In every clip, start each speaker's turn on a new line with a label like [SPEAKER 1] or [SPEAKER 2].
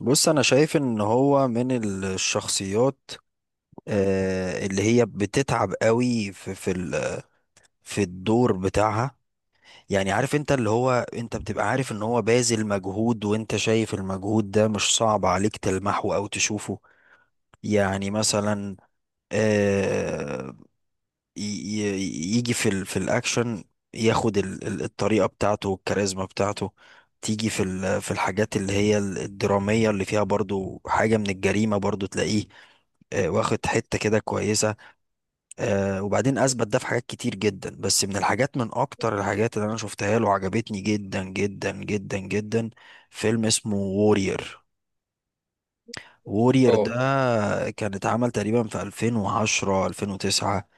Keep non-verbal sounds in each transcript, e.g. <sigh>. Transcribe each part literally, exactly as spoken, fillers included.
[SPEAKER 1] بص انا شايف ان هو من الشخصيات، آه، اللي هي بتتعب قوي في في ال- في الدور بتاعها. يعني عارف انت، اللي هو انت بتبقى عارف ان هو باذل مجهود، وانت شايف المجهود ده مش صعب عليك تلمحه او تشوفه. يعني مثلا ي- ي- يجي في ال في الاكشن، ياخد ال- ال- الطريقه بتاعته والكاريزما بتاعته. تيجي في ال- في الحاجات اللي هي ال- الدراميه، اللي فيها برضو حاجه من الجريمه، برضو تلاقيه آه، واخد حته كده كويسه. آه، وبعدين اثبت ده في حاجات كتير جدا. بس من الحاجات، من اكتر الحاجات اللي انا شفتها له عجبتني جدا جدا جدا جدا، فيلم اسمه وورير. وورير ده
[SPEAKER 2] اه.
[SPEAKER 1] كان اتعمل تقريبا في ألفين وعشرة، ألفين وتسعة،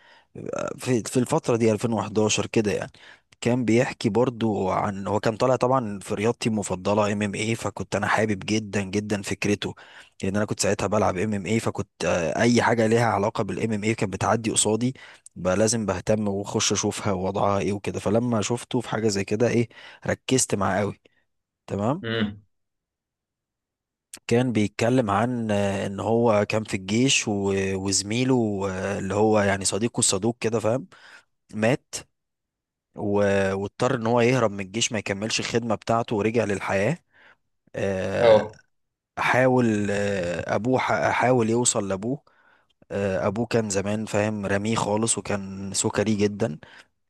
[SPEAKER 1] في في الفترة دي، ألفين وأحد عشر كده يعني. كان بيحكي برضو عن، هو كان طالع طبعا في رياضتي المفضلة ام ام اي، فكنت انا حابب جدا جدا فكرته، لان انا كنت ساعتها بلعب ام ام اي. فكنت آه، اي حاجة ليها علاقة بالام ام اي كانت بتعدي قصادي، بقى لازم بهتم واخش اشوفها ووضعها ايه وكده. فلما شفته في حاجة زي كده، ايه، ركزت معاه قوي. تمام.
[SPEAKER 2] امم.
[SPEAKER 1] كان بيتكلم عن آه، ان هو كان في الجيش و- وزميله، آه، اللي هو يعني صديقه الصدوق كده، فاهم، مات. و- واضطر ان هو يهرب من الجيش ما يكملش الخدمة بتاعته، ورجع للحياة. آه،
[SPEAKER 2] اه.
[SPEAKER 1] حاول، آه، ابوه، ح- حاول يوصل لابوه. آه، ابوه كان زمان فاهم رميه خالص، وكان سكري جدا.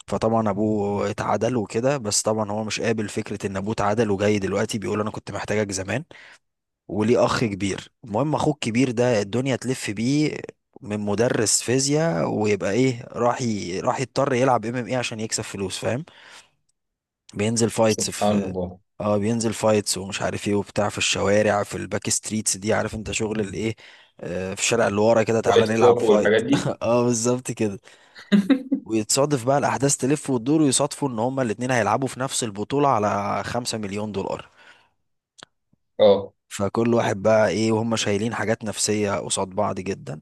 [SPEAKER 1] فطبعا ابوه اتعدل وكده، بس طبعا هو مش قابل فكرة ان ابوه اتعدل وجاي دلوقتي بيقول انا كنت محتاجك زمان. وليه اخ كبير، المهم اخوه الكبير ده الدنيا تلف بيه من مدرس فيزياء، ويبقى ايه، راح ي... راح يضطر يلعب ام ام ايه عشان يكسب فلوس، فاهم. بينزل فايتس
[SPEAKER 2] سبحان
[SPEAKER 1] في،
[SPEAKER 2] الله.
[SPEAKER 1] اه بينزل فايتس ومش عارف ايه وبتاع في الشوارع، في الباك ستريتس دي، عارف انت شغل الايه، آه، في الشارع اللي ورا كده، تعالى
[SPEAKER 2] وايت
[SPEAKER 1] نلعب
[SPEAKER 2] كلوب
[SPEAKER 1] فايت
[SPEAKER 2] والحاجات دي.
[SPEAKER 1] <laughs> اه بالظبط كده. ويتصادف بقى الاحداث تلف وتدور، ويصادفوا ان هما الاتنين هيلعبوا في نفس البطولة على خمسة مليون دولار.
[SPEAKER 2] اه.
[SPEAKER 1] فكل واحد بقى ايه، وهم شايلين حاجات نفسية قصاد بعض جدا.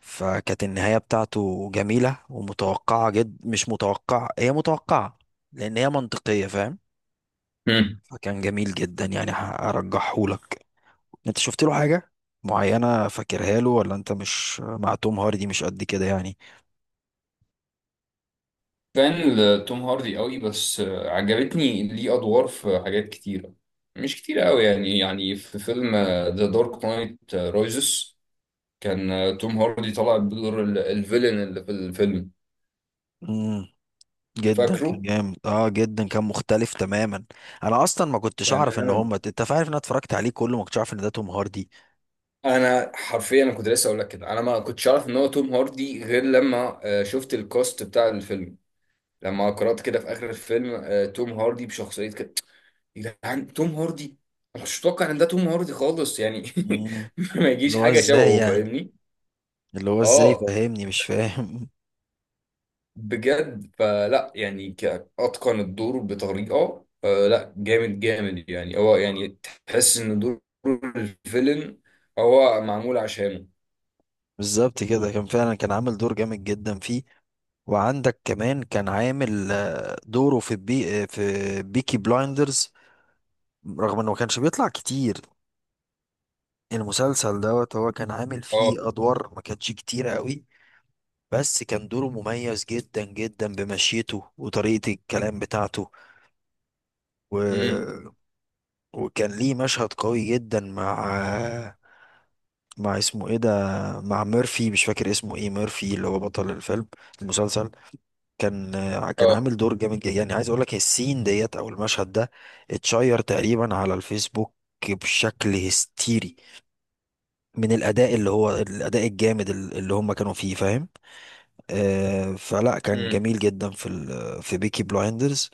[SPEAKER 1] فكانت النهاية بتاعته جميلة ومتوقعة، جد مش متوقعة، هي متوقعة لأن هي منطقية فاهم.
[SPEAKER 2] امم.
[SPEAKER 1] فكان جميل جدا، يعني هرجحهولك. انت شفت له حاجة معينة فاكرها له، ولا انت مش مع توم هاردي مش قد كده يعني؟
[SPEAKER 2] فان لتوم هاردي قوي، بس آه، عجبتني ليه ادوار في حاجات كتيره. مش كتيره قوي يعني، يعني في فيلم ذا دارك نايت رايزس كان آه، توم هاردي طلع بدور ال- الفيلن اللي في الفيلم.
[SPEAKER 1] امم. جدا كان
[SPEAKER 2] فاكره
[SPEAKER 1] جامد، اه جدا كان مختلف تماما. انا اصلا ما كنتش اعرف ان
[SPEAKER 2] تماما.
[SPEAKER 1] هم، انت عارف ان انا اتفرجت عليه كله ما كنتش عارف ان ده توم هاردي.
[SPEAKER 2] انا حرفيا، انا كنت لسه اقول لك كده، انا ما كنتش اعرف ان هو توم هاردي غير لما آه، شفت الكاست بتاع الفيلم، لما قرأت كده في آخر الفيلم آه، توم هاردي بشخصية ده عن توم هاردي. أنا مش متوقع ان ده توم هاردي خالص يعني. <laughs>
[SPEAKER 1] امم.
[SPEAKER 2] ما
[SPEAKER 1] اللي
[SPEAKER 2] يجيش
[SPEAKER 1] هو
[SPEAKER 2] حاجه
[SPEAKER 1] ازاي
[SPEAKER 2] شبهه،
[SPEAKER 1] يعني؟
[SPEAKER 2] فاهمني؟
[SPEAKER 1] اللي هو ازاي
[SPEAKER 2] اه،
[SPEAKER 1] فاهمني، مش فاهم.
[SPEAKER 2] بجد. فلا يعني، ك- اتقن الدور بطريقه، آه لا جامد جامد يعني، هو يعني تحس ان دور الفيلن هو معمول عشانه.
[SPEAKER 1] بالظبط كده، كان فعلا كان عامل دور جامد جدا فيه. وعندك كمان كان عامل آه، دوره في بي آه، في بيكي بلايندرز، رغم انه ما كانش بيطلع كتير. المسلسل دوت هو كان عامل
[SPEAKER 2] اه.
[SPEAKER 1] فيه ادوار ما كانتش كتيرة قوي، بس كان دوره مميز جدا جدا بمشيته وطريقة الكلام بتاعته
[SPEAKER 2] امم.
[SPEAKER 1] و... وكان ليه مشهد قوي جدا مع، مع اسمه ايه ده، مع ميرفي، مش فاكر اسمه ايه، ميرفي اللي هو بطل الفيلم، المسلسل. كان آه، كان
[SPEAKER 2] اه.
[SPEAKER 1] عامل دور جامد جدا. يعني عايز اقول لك السين ديت، او المشهد ده اتشير تقريبا على الفيسبوك بشكل هستيري من الاداء، اللي هو الاداء الجامد ال- اللي هم كانوا فيه فاهم. آه فلا كان
[SPEAKER 2] امم.
[SPEAKER 1] جميل جدا في ال- في بيكي بلايندرز.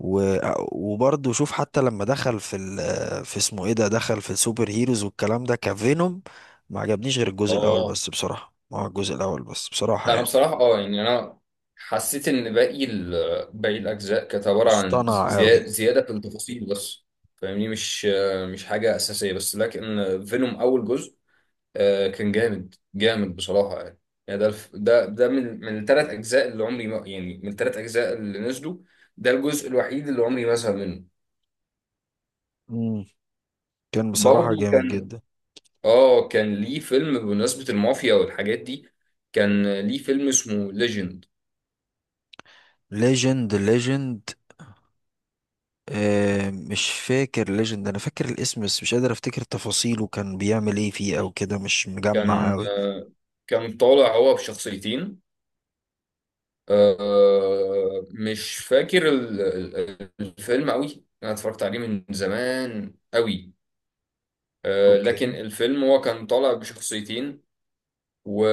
[SPEAKER 1] و- وبرضه شوف، حتى لما دخل في ال- في اسمه ايه ده، دخل في السوبر هيروز والكلام ده، كفينوم، ما عجبنيش غير الجزء الاول
[SPEAKER 2] اه.
[SPEAKER 1] بس بصراحة. ما هو الجزء الاول بس بصراحة،
[SPEAKER 2] انا
[SPEAKER 1] يعني
[SPEAKER 2] بصراحه اه يعني، انا حسيت ان باقي ال- باقي الاجزاء كانت عباره عن
[SPEAKER 1] مصطنع
[SPEAKER 2] زياده،
[SPEAKER 1] قوي.
[SPEAKER 2] زياده في التفاصيل بس. فاهمني؟ مش، مش حاجه اساسيه بس، لكن فينوم اول جزء آه، كان جامد جامد بصراحه يعني. يعني ده الف- ده ده من من الثلاث اجزاء اللي عمري ما يعني، من الثلاث اجزاء اللي نزلوا، ده الجزء الوحيد اللي عمري ما زهق منه.
[SPEAKER 1] كان بصراحة
[SPEAKER 2] برضه
[SPEAKER 1] جامد
[SPEAKER 2] كان،
[SPEAKER 1] جدا.
[SPEAKER 2] اه، كان ليه فيلم بمناسبه المافيا والحاجات دي، كان ليه فيلم اسمه ليجند.
[SPEAKER 1] ليجند، ليجند. آه مش فاكر ليجند، انا فاكر الاسم بس مش قادر افتكر تفاصيله، كان بيعمل ايه فيه او كده، مش مجمع
[SPEAKER 2] كان
[SPEAKER 1] اوي.
[SPEAKER 2] آه، كان طالع هو بشخصيتين. آه، مش فاكر ال- ال- الفيلم قوي، انا اتفرجت عليه من زمان قوي. آه، لكن
[SPEAKER 1] اوكي.
[SPEAKER 2] الفيلم هو كان طالع بشخصيتين، و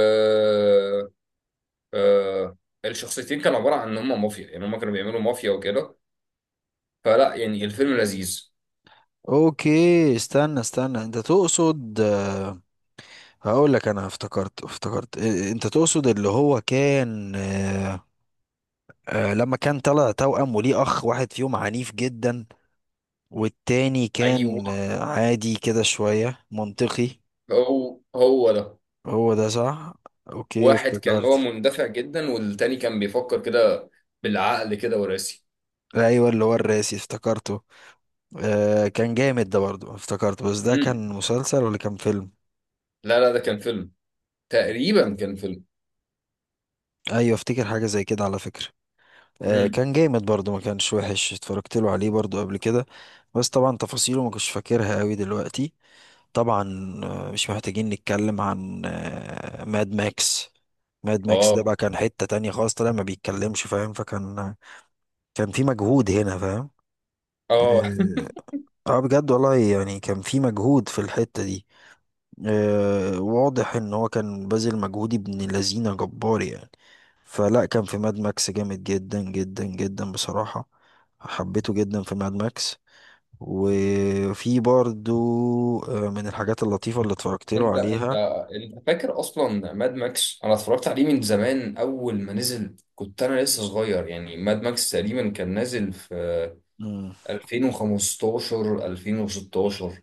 [SPEAKER 2] آه، الشخصيتين كانوا عبارة عن ان هم مافيا، يعني هم كانوا بيعملوا مافيا وكده. فلا يعني الفيلم لذيذ.
[SPEAKER 1] اوكي، استنى استنى، انت تقصد آه، هقول لك، انا افتكرت، افتكرت آه، انت تقصد اللي هو كان، آه، آه، لما كان طلع توأم وليه اخ واحد فيهم عنيف جدا، والتاني كان
[SPEAKER 2] ايوه،
[SPEAKER 1] آه، عادي كده، شوية منطقي.
[SPEAKER 2] هو هو ده.
[SPEAKER 1] هو ده صح. اوكي
[SPEAKER 2] واحد كان هو
[SPEAKER 1] افتكرت.
[SPEAKER 2] مندفع جدا، والتاني كان بيفكر كده بالعقل كده وراسي.
[SPEAKER 1] ايوه، اللي هو الراسي افتكرته. آه كان جامد ده برضه افتكرته، بس ده
[SPEAKER 2] امم.
[SPEAKER 1] كان مسلسل ولا كان فيلم؟
[SPEAKER 2] لا لا، ده كان فيلم، تقريبا كان فيلم.
[SPEAKER 1] ايوه افتكر حاجه زي كده على فكره. آه
[SPEAKER 2] امم.
[SPEAKER 1] كان جامد برضه، ما كانش وحش، اتفرجت له عليه برضه قبل كده. بس طبعا تفاصيله ما كنتش فاكرها قوي دلوقتي. طبعا. آه، مش محتاجين نتكلم عن آه ماد ماكس. ماد ماكس ده
[SPEAKER 2] اه.
[SPEAKER 1] بقى كان حته تانية خالص، طلع ما بيتكلمش فاهم، فكان كان في مجهود هنا فاهم.
[SPEAKER 2] اه.
[SPEAKER 1] اه. آه، بجد والله يعني كان في مجهود في الحته دي. آه، واضح ان هو كان باذل مجهود ابن لذينه جبار يعني. فلا كان في ماد ماكس جامد جدا جدا جدا بصراحة. حبيته جدا في ماد ماكس. وفي برضو آه، من الحاجات اللطيفة اللي اتفرجت
[SPEAKER 2] <laughs>
[SPEAKER 1] له
[SPEAKER 2] انت انت
[SPEAKER 1] عليها.
[SPEAKER 2] انت فاكر اصلا ماد ماكس؟ انا اتفرجت عليه من زمان، اول ما نزل كنت انا لسه صغير يعني. ماد ماكس تقريبا كان نازل في
[SPEAKER 1] مم.
[SPEAKER 2] ألفين وخمستاشر ألفين وستة عشر،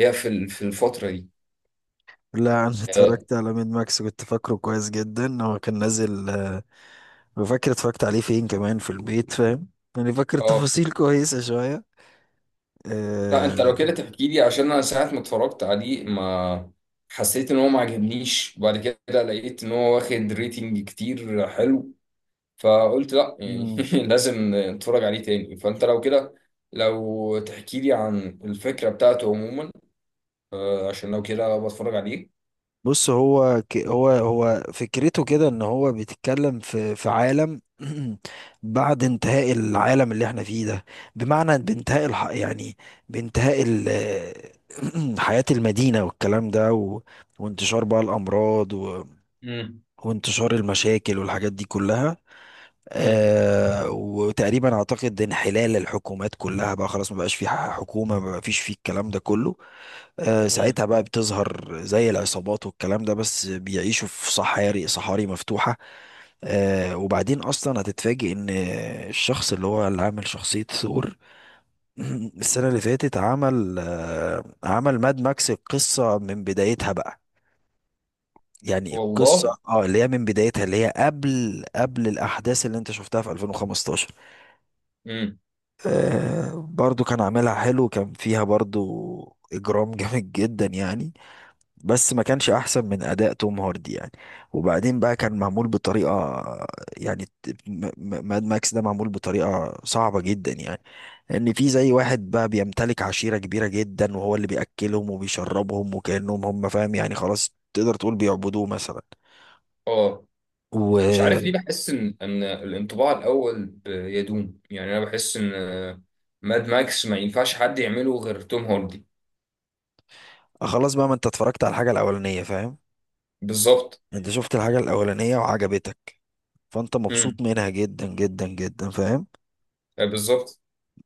[SPEAKER 2] هي في ال- في الفترة دي.
[SPEAKER 1] لا انا <laughs>
[SPEAKER 2] اه.
[SPEAKER 1] اتفرجت على ماد ماكس كنت فاكره كويس جدا. هو كان نازل، آه، فاكر اتفرجت عليه فين، كمان في البيت فاهم، يعني فاكر <laughs>
[SPEAKER 2] آه.
[SPEAKER 1] تفاصيل كويسة شوية.
[SPEAKER 2] لا، انت
[SPEAKER 1] آه،
[SPEAKER 2] لو كده تحكي لي، عشان انا ساعة ما اتفرجت عليه، ما حسيت ان هو، ما عجبنيش. بعد كده لقيت ان هو واخد ريتنج كتير حلو، فقلت لا يعني <laughs> لازم نتفرج عليه تاني. فانت لو كده، لو تحكي لي عن الفكرة بتاعته عموما آه، عشان لو كده بتفرج عليه.
[SPEAKER 1] بص هو ك... هو هو فكرته كده، ان هو بيتكلم في في عالم <clears throat> بعد انتهاء العالم اللي احنا فيه ده. بمعنى بانتهاء الح... يعني بانتهاء ال... <clears throat> حياة المدينة والكلام ده و... وانتشار بقى الأمراض و...
[SPEAKER 2] امم.
[SPEAKER 1] وانتشار المشاكل والحاجات دي كلها.
[SPEAKER 2] امم.
[SPEAKER 1] آه وتقريبا اعتقد انحلال الحكومات كلها بقى خلاص، ما بقاش في ح- حكومة، ما فيش فيه الكلام ده كله. آه،
[SPEAKER 2] امم.
[SPEAKER 1] ساعتها بقى بتظهر زي العصابات والكلام ده، بس بيعيشوا في صحاري، صحاري مفتوحة. آه، وبعدين أصلا هتتفاجئ إن الشخص اللي هو اللي عامل شخصية ثور <clears throat> السنة اللي فاتت عمل، آه، عمل ماد ماكس القصة من بدايتها بقى. يعني القصة
[SPEAKER 2] والله.
[SPEAKER 1] اه اللي هي من بدايتها، اللي هي قبل قبل الأحداث اللي أنت شفتها في ألفين وخمستاشر.
[SPEAKER 2] امم.
[SPEAKER 1] آه، برضو كان عاملها حلو، كان فيها برضو إجرام <laughs> جامد جدا يعني. بس ما كانش احسن من اداء توم هاردي يعني. وبعدين بقى كان معمول بطريقه. يعني ت- م- م- ماد ماكس ده معمول بطريقه صعبه جدا يعني. ان في زي واحد بقى بيمتلك عشيره كبيره جدا، وهو اللي بياكلهم وبيشربهم، وكانهم هم فاهم يعني، خلاص تقدر تقول بيعبدوه مثلا.
[SPEAKER 2] اه. مش عارف
[SPEAKER 1] وخلاص
[SPEAKER 2] ليه بحس ان ان الانطباع الاول ب- يدوم يعني. انا بحس ان آه، ماد ماكس ما ينفعش حد يعمله غير توم هاردي.
[SPEAKER 1] بقى، ما انت اتفرجت على الحاجه الاولانيه فاهم.
[SPEAKER 2] بالظبط.
[SPEAKER 1] انت شفت الحاجه الاولانيه وعجبتك، فانت مبسوط
[SPEAKER 2] امم.
[SPEAKER 1] منها جدا جدا جدا فاهم.
[SPEAKER 2] آه، بالظبط.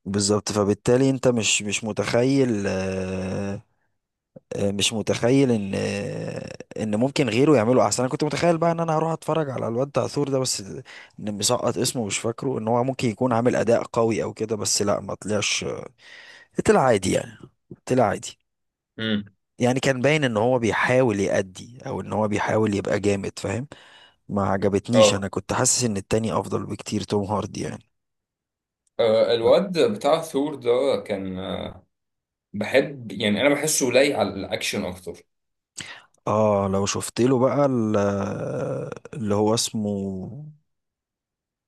[SPEAKER 1] بالظبط، فبالتالي انت مش مش متخيل، آه، مش متخيل ان آه، ان ممكن غيره يعمله احسن. انا كنت متخيل بقى ان انا هروح اتفرج على الواد ده عثور ده بس، ان مسقط اسمه مش فاكره ان هو ممكن يكون عامل اداء قوي او كده، بس لا ما طلعش، طلع عادي يعني، طلع عادي.
[SPEAKER 2] امم.
[SPEAKER 1] يعني كان باين ان هو بيحاول يأدي او ان هو بيحاول يبقى جامد فاهم، ما عجبتنيش.
[SPEAKER 2] اه.
[SPEAKER 1] انا كنت حاسس ان التاني افضل بكتير، توم هاردي يعني.
[SPEAKER 2] آه، الواد بتاع ثور ده كان، آه، بحب يعني، انا بحسه لايق على الاكشن اكتر.
[SPEAKER 1] اه لو شفت له بقى ال- اللي هو اسمه،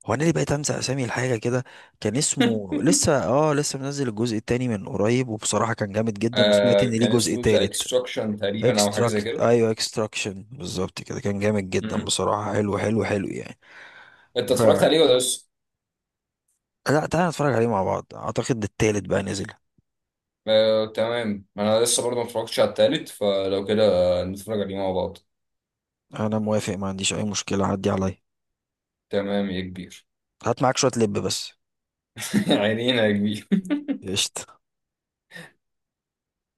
[SPEAKER 1] هو انا اللي بقيت انسى اسامي الحاجه كده. كان
[SPEAKER 2] <laughs>
[SPEAKER 1] اسمه لسه، اه لسه منزل الجزء التاني من قريب، وبصراحه كان جامد جدا، وسمعت
[SPEAKER 2] آه،
[SPEAKER 1] ان ليه
[SPEAKER 2] كان
[SPEAKER 1] جزء
[SPEAKER 2] اسمه ذا
[SPEAKER 1] تالت.
[SPEAKER 2] اكستراكشن تقريبا، او حاجه زي
[SPEAKER 1] اكستراكت،
[SPEAKER 2] كده.
[SPEAKER 1] ايوه اكستراكشن، بالظبط كده، كان جامد جدا
[SPEAKER 2] امم.
[SPEAKER 1] بصراحه، حلو حلو حلو يعني.
[SPEAKER 2] انت
[SPEAKER 1] ف
[SPEAKER 2] اتفرجت عليه ولا لسه؟
[SPEAKER 1] لا، تعالى نتفرج عليه مع بعض، اعتقد التالت بقى نزل.
[SPEAKER 2] آه تمام، انا لسه برضه ما اتفرجتش على التالت. فلو كده آه، نتفرج عليه مع بعض.
[SPEAKER 1] انا موافق، ما عنديش اي مشكله، عدي عليا.
[SPEAKER 2] تمام يا كبير.
[SPEAKER 1] هات معاك شويه لب بس.
[SPEAKER 2] <laughs> عينينا يا كبير.
[SPEAKER 1] قشطه.